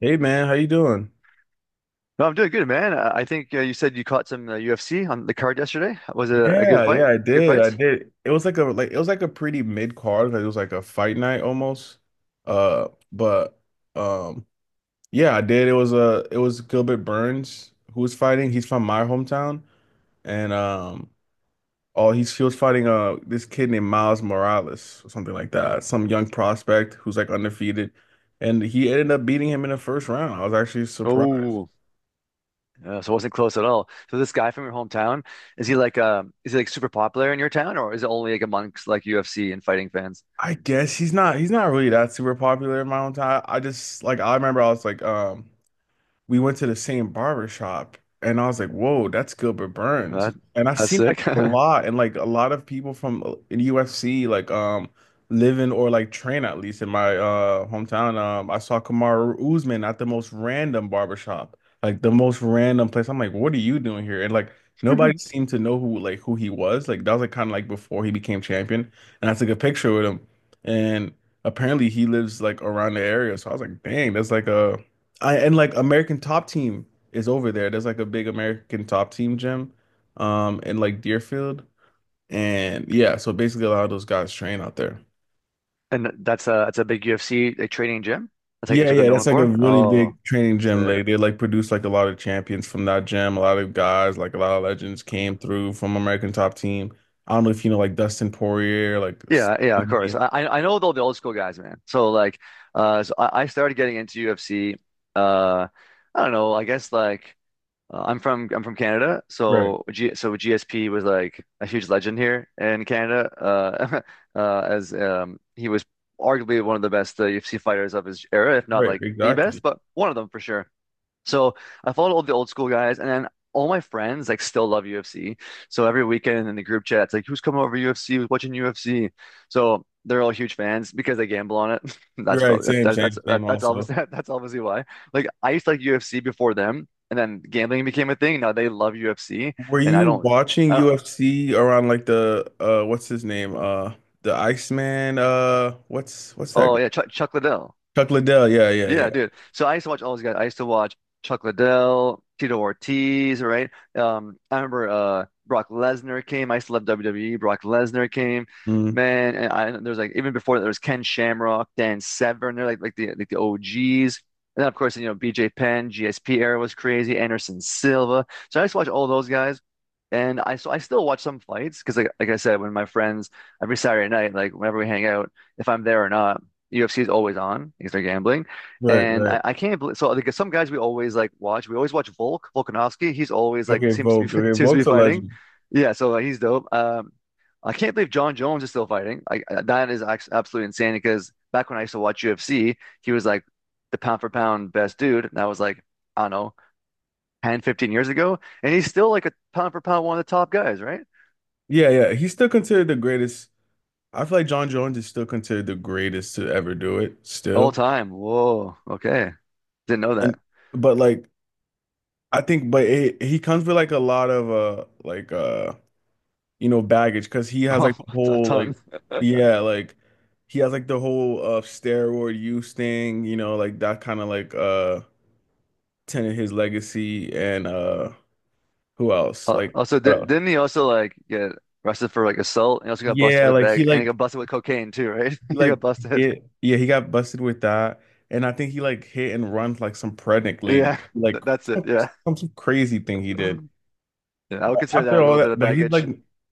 Hey man, how you doing? No, I'm doing good, man. I think you said you caught some UFC on the card yesterday. Was it a good Yeah, yeah, fight? I Good did. I fights? did. It was like a it was like a pretty mid-card. Like it was like a fight night almost. But um, yeah, I did. It was Gilbert Burns who was fighting. He's from my hometown, and oh, he was fighting this kid named Miles Morales or something like that. Some young prospect who's like undefeated, and he ended up beating him in the first round. I was actually surprised. Oh, so it wasn't close at all. So this guy from your hometown, is he like super popular in your town, or is it only like amongst like UFC and fighting fans? I guess he's not really that super popular in my own time. I just like I remember I was like we went to the same barber shop and I was like, whoa, that's Gilbert Burns. That, And I've that's seen sick. Like a lot of people from in UFC like live in or like train at least in my hometown. I saw Kamaru Usman at the most random barber shop, like the most random place. I'm like, what are you doing here? And like nobody seemed to know who he was. Like that was like kind of like before he became champion. And I took a picture with him and apparently he lives like around the area. So I was like, dang, that's like a I and like American Top Team is over there. There's like a big American Top Team gym, in like Deerfield, and yeah. So basically, a lot of those guys train out there. And that's a big UFC like training gym. That's like Yeah, that's what they're yeah. That's known like a for. really Oh, big training gym. sick. They like produce like a lot of champions from that gym. A lot of guys, like a lot of legends, came through from American Top Team. I don't know if you know like Dustin Poirier, Yeah, yeah, of course. I know all the old school guys, man. So like, so I started getting into UFC. Uh, I don't know. I guess like I'm from Canada, Right, so GSP was like a huge legend here in Canada. As he was arguably one of the best UFC fighters of his era, if not right, like the best, exactly. but one of them for sure. So I followed all the old school guys, and then all my friends like still love UFC. So every weekend in the group chat, it's like, who's coming over to UFC? Who's watching UFC? So they're all huge fans because I gamble on it. That's Right, probably that, same, that's same, that, same that's also. obviously that's obviously why. Like I used to like UFC before them, and then gambling became a thing. Now they love UFC, Were and I you don't. watching I don't. UFC around like the what's his name? The Iceman, what's that Oh guy? yeah, Chuck Liddell. Chuck Liddell. Yeah, yeah, Yeah, yeah. dude. So I used to watch all these guys. I used to watch Chuck Liddell, Tito Ortiz, right? I remember Brock Lesnar came. I used to love WWE. Brock Lesnar came, Mm, man. And I there was like even before that there was Ken Shamrock, Dan Severn. They're like the OGs. And then of course you know BJ Penn, GSP era was crazy. Anderson Silva. So I used to watch all those guys. And I so I still watch some fights because like I said, when my friends every Saturday night, like whenever we hang out, if I'm there or not, UFC is always on because they're gambling. right, And right. I, I can't believe so like some guys we always like watch. We always watch Volkanovski. He's always like Okay, seems to be Volk. Okay, seems to be Volk's a fighting. legend. Yeah, so like, he's dope. I can't believe John Jones is still fighting. That is absolutely insane because back when I used to watch UFC, he was like the pound for pound best dude. And that was like, I don't know, 10, 15 years ago. And he's still like a pound for pound one of the top guys, right? Yeah, yeah. He's still considered the greatest. I feel like John Jones is still considered the greatest to ever do it All still. time. Whoa. Okay. Didn't know And that. but like I think he comes with like a lot of baggage because he has Oh, like the a whole like ton. yeah, like he has like the whole steroid use thing, like that kind of like tainted his legacy and who else? Like also, what di else? didn't he also like get arrested for like assault? He also got busted Yeah, with like bag, and he got busted with cocaine too, right? he He like got busted. Yeah, he got busted with that. And I think he like hit and run like some pregnant lady. Yeah, Like that's it. some, Yeah. some crazy thing he did. Mm. Yeah. I would But consider that a after all little bit that, of but baggage.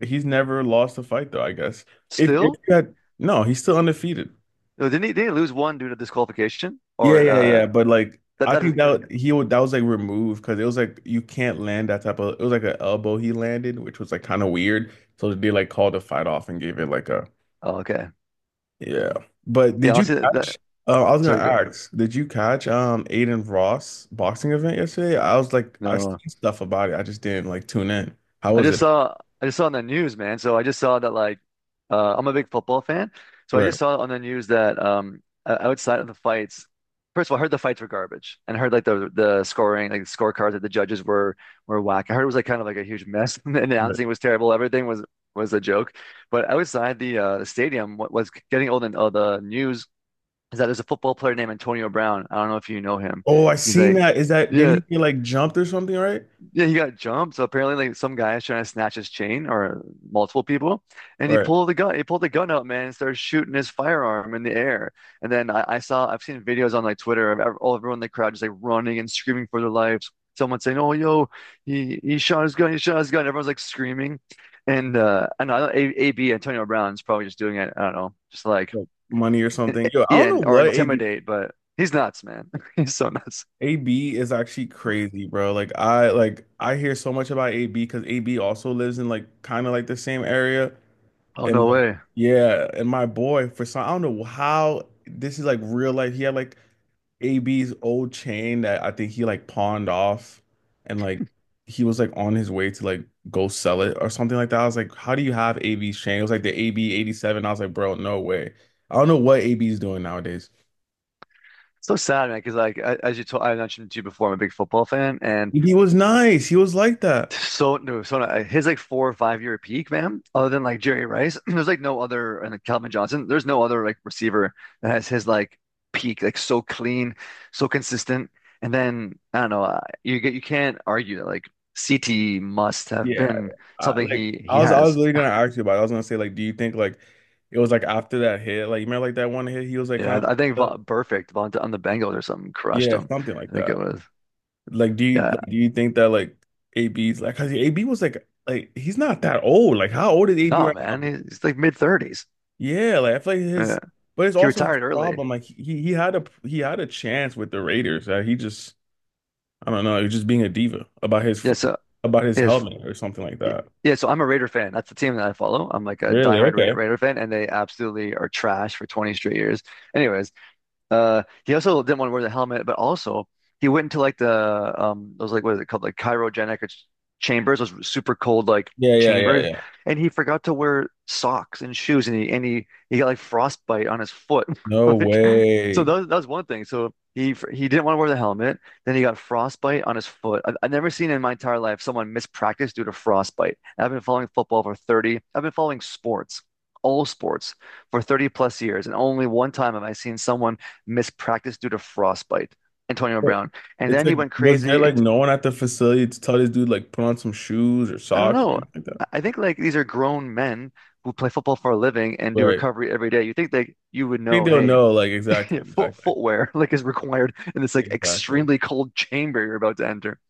he's never lost a fight though, I guess. If Still, you had No, he's still undefeated. no, didn't he? Didn't he lose one due to disqualification, Yeah, or yeah, uh, yeah. But like, that I that think doesn't count? that he would that was like removed because it was like you can't land that type of. It was like an elbow he landed, which was like kind of weird. So they like called the fight off and gave it like a, Oh, okay. yeah. But Yeah, did you honestly, that, that catch? I was gonna sorry, go. ask, did you catch Aiden Ross boxing event yesterday? I was like, I No. seen stuff about it. I just didn't like tune in. How I was just it? saw I just saw on the news, man. So I just saw that like I'm a big football fan. So I just Right. saw on the news that outside of the fights, first of all, I heard the fights were garbage and I heard like the scoring, like the scorecards that the judges were whack. I heard it was like kind of like a huge mess and the Right. announcing was terrible. Everything was a joke. But outside the stadium, what was getting old in the news is that there's a football player named Antonio Brown. I don't know if you know him. Oh, I He's seen like, that. Is that didn't yeah, he get like jumped or something? Right. yeah, he got jumped. So apparently, like some guy is trying to snatch his chain, or multiple people, and he Right. pulled the gun. He pulled the gun out, man, and started shooting his firearm in the air. And then I've seen videos on like Twitter of ev- all everyone in the crowd just like running and screaming for their lives. Someone saying, "Oh, yo, he shot his gun. He shot his gun." Everyone's like screaming, and I know AB. Antonio Brown's probably just doing it. I don't know, just like Like money or and, something. Yo, I yeah, don't know and, or what AB. intimidate, but he's nuts, man. He's so nuts. AB is actually crazy, bro. Like I hear so much about AB because AB also lives in like kind of like the same area Oh and no like way. yeah, and my boy for some I don't know how this is like real life. He had like AB's old chain that I think he like pawned off and like he was like on his way to like go sell it or something like that. I was like, how do you have AB's chain? It was like the AB 87. I was like, bro, no way. I don't know what AB's doing nowadays. So sad, man. Because like as I mentioned to you before, I'm a big football fan, and He was nice. He was like that. so no, so no, his like 4 or 5 year peak, man. Other than like Jerry Rice, there's like no other, and like, Calvin Johnson. There's no other like receiver that has his like peak, like so clean, so consistent. And then I don't know, you can't argue that like CT must have Yeah, been I, something like he I he was, I was has. literally gonna ask you about it. I was gonna say like, do you think like it was like after that hit, like you remember like that one hit, he was like Yeah, kind I think of, Va perfect Von on the Bengals or something crushed yeah, him. something like I think it that. was. Like, do you Yeah, like do you think that like AB's like, cause AB was like he's not that old. Like, how old is AB no, right now? man, he's like mid thirties. Yeah, like I feel like his, but it's He also his retired early. problem. Like he had a chance with the Raiders. He just I don't know, he was just being a diva about his Yeah, so about his if helmet or something like that. yeah, so I'm a Raider fan. That's the team that I follow. I'm like a Really? diehard Ra Okay. Raider fan, and they absolutely are trash for 20 straight years. Anyways, he also didn't want to wear the helmet, but also he went into like the those like what is it called like cryogenic chambers, those super cold like Yeah, yeah, chambers, yeah, and he forgot to wear socks and shoes, and he got like frostbite on his foot, no like so that way. was, that was one thing. So he didn't want to wear the helmet, then he got frostbite on his foot. I've never seen in my entire life someone mispractice due to frostbite. I've been following football for 30, I've been following sports, all sports for 30 plus years, and only one time have I seen someone missed practice due to frostbite, Antonio Brown. And It's then he like, went was there crazy. like And no one at the facility to tell this dude like put on some shoes or I don't socks or know. anything like that? I think like these are grown men who play football for a living and do Right. I recovery every day. You think that you would think know, they'll hey, know like exactly, foot exactly, footwear like is required in this like exactly. extremely cold chamber you're about to enter.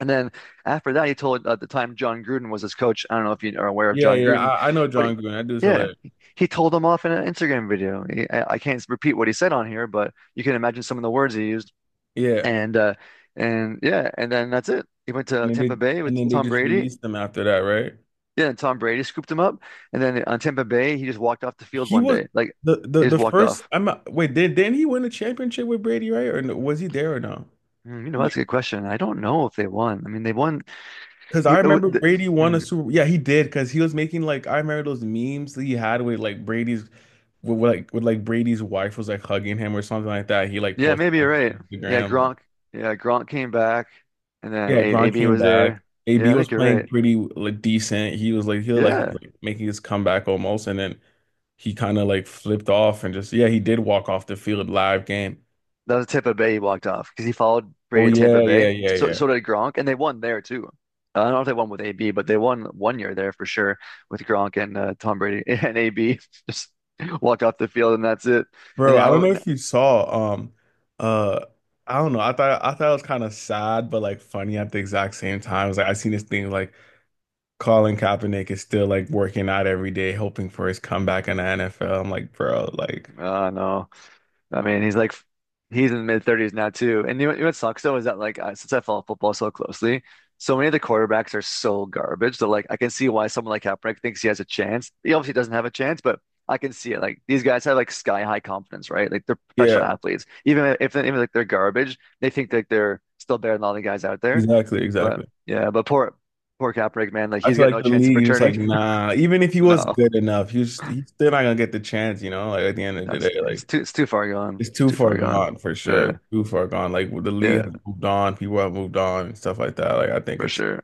And then after that, he told at the time John Gruden was his coach. I don't know if you are aware of Yeah, John yeah. Gruden, I know but John Green. That dude's yeah, hilarious. he told him off in an Instagram video. I can't repeat what he said on here, but you can imagine some of the words he used. Yeah. And yeah, and then that's it. He went to And then Tampa they Bay and with then they Tom just Brady. released him after that, right? Yeah, and Tom Brady scooped him up. And then on Tampa Bay, he just walked off the field He one was day. Like the the he just the walked first. off. I'm not, wait. Didn't he win a championship with Brady, right? Or no, was he there or no? Hmm, that's a Like, good question. I don't know if they won. I mean, they won. because He- I it remember the- Brady won a hmm. Super. Yeah, he did. Because he was making like I remember those memes that he had with like Brady's wife was like hugging him or something like that. He like Yeah, posted maybe you're on right. Yeah, Instagram. Like, Gronk. Yeah, Gronk came back, and then yeah, A Gronk AB came was back. there. AB Yeah, I was think you're playing right. pretty like decent. He was like he was like, he Yeah. was, like making his comeback almost, and then he kind of like flipped off and just yeah he did walk off the field live game. That was Tampa Bay he walked off because he followed Oh Brady to yeah Tampa yeah Bay. yeah So yeah. so did Gronk, and they won there too. I don't know if they won with AB, but they won one year there for sure with Gronk and Tom Brady and AB just walk off the field and that's it. And Bro, I don't now, know if you saw, uh, I don't know. I thought it was kind of sad, but like funny at the exact same time. It was like I seen this thing like Colin Kaepernick is still like working out every day, hoping for his comeback in the NFL. I'm like, bro, like, no. I mean, he's in mid thirties now too. And you know what sucks though is that like since I follow football so closely, so many of the quarterbacks are so garbage that like I can see why someone like Kaepernick thinks he has a chance. He obviously doesn't have a chance, but I can see it. Like these guys have like sky high confidence, right? Like they're yeah, professional athletes. Even if even like they're garbage, they think that they're still better than all the guys out there. exactly, But exactly. yeah, but poor poor Kaepernick, man, like I he's feel got like no the chance of league is just like, returning. nah. Even if he was No, good enough, he's still not gonna get the chance. Like at the end of the that's day, like it's too far gone. it's It's too too far far gone. gone for Yeah. sure, too far gone. Like the league Yeah. has moved on, people have moved on, and stuff like that. Like I think For it's. sure.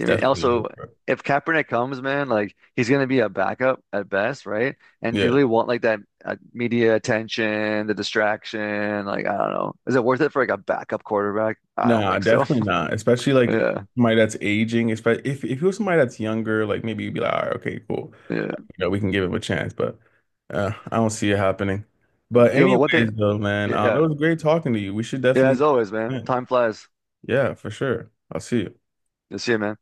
I mean, definitely also, over. if Kaepernick comes, man, like he's gonna be a backup at best, right? And do you Yeah. really want like that media attention, the distraction? Like, I don't know. Is it worth it for like a backup quarterback? I don't Nah, think so. definitely not. Especially like Yeah, somebody that's aging. Especially if you're somebody that's younger, like maybe you'd be like, all right, okay, cool. yeah, You know, we can give him a chance. But I don't see it happening. But yeah. But one thing, anyways, though, man, it yeah, was great talking to you. We should yeah. As definitely, always, man, yeah, time flies. yeah, for sure. I'll see you. You'll see you, man.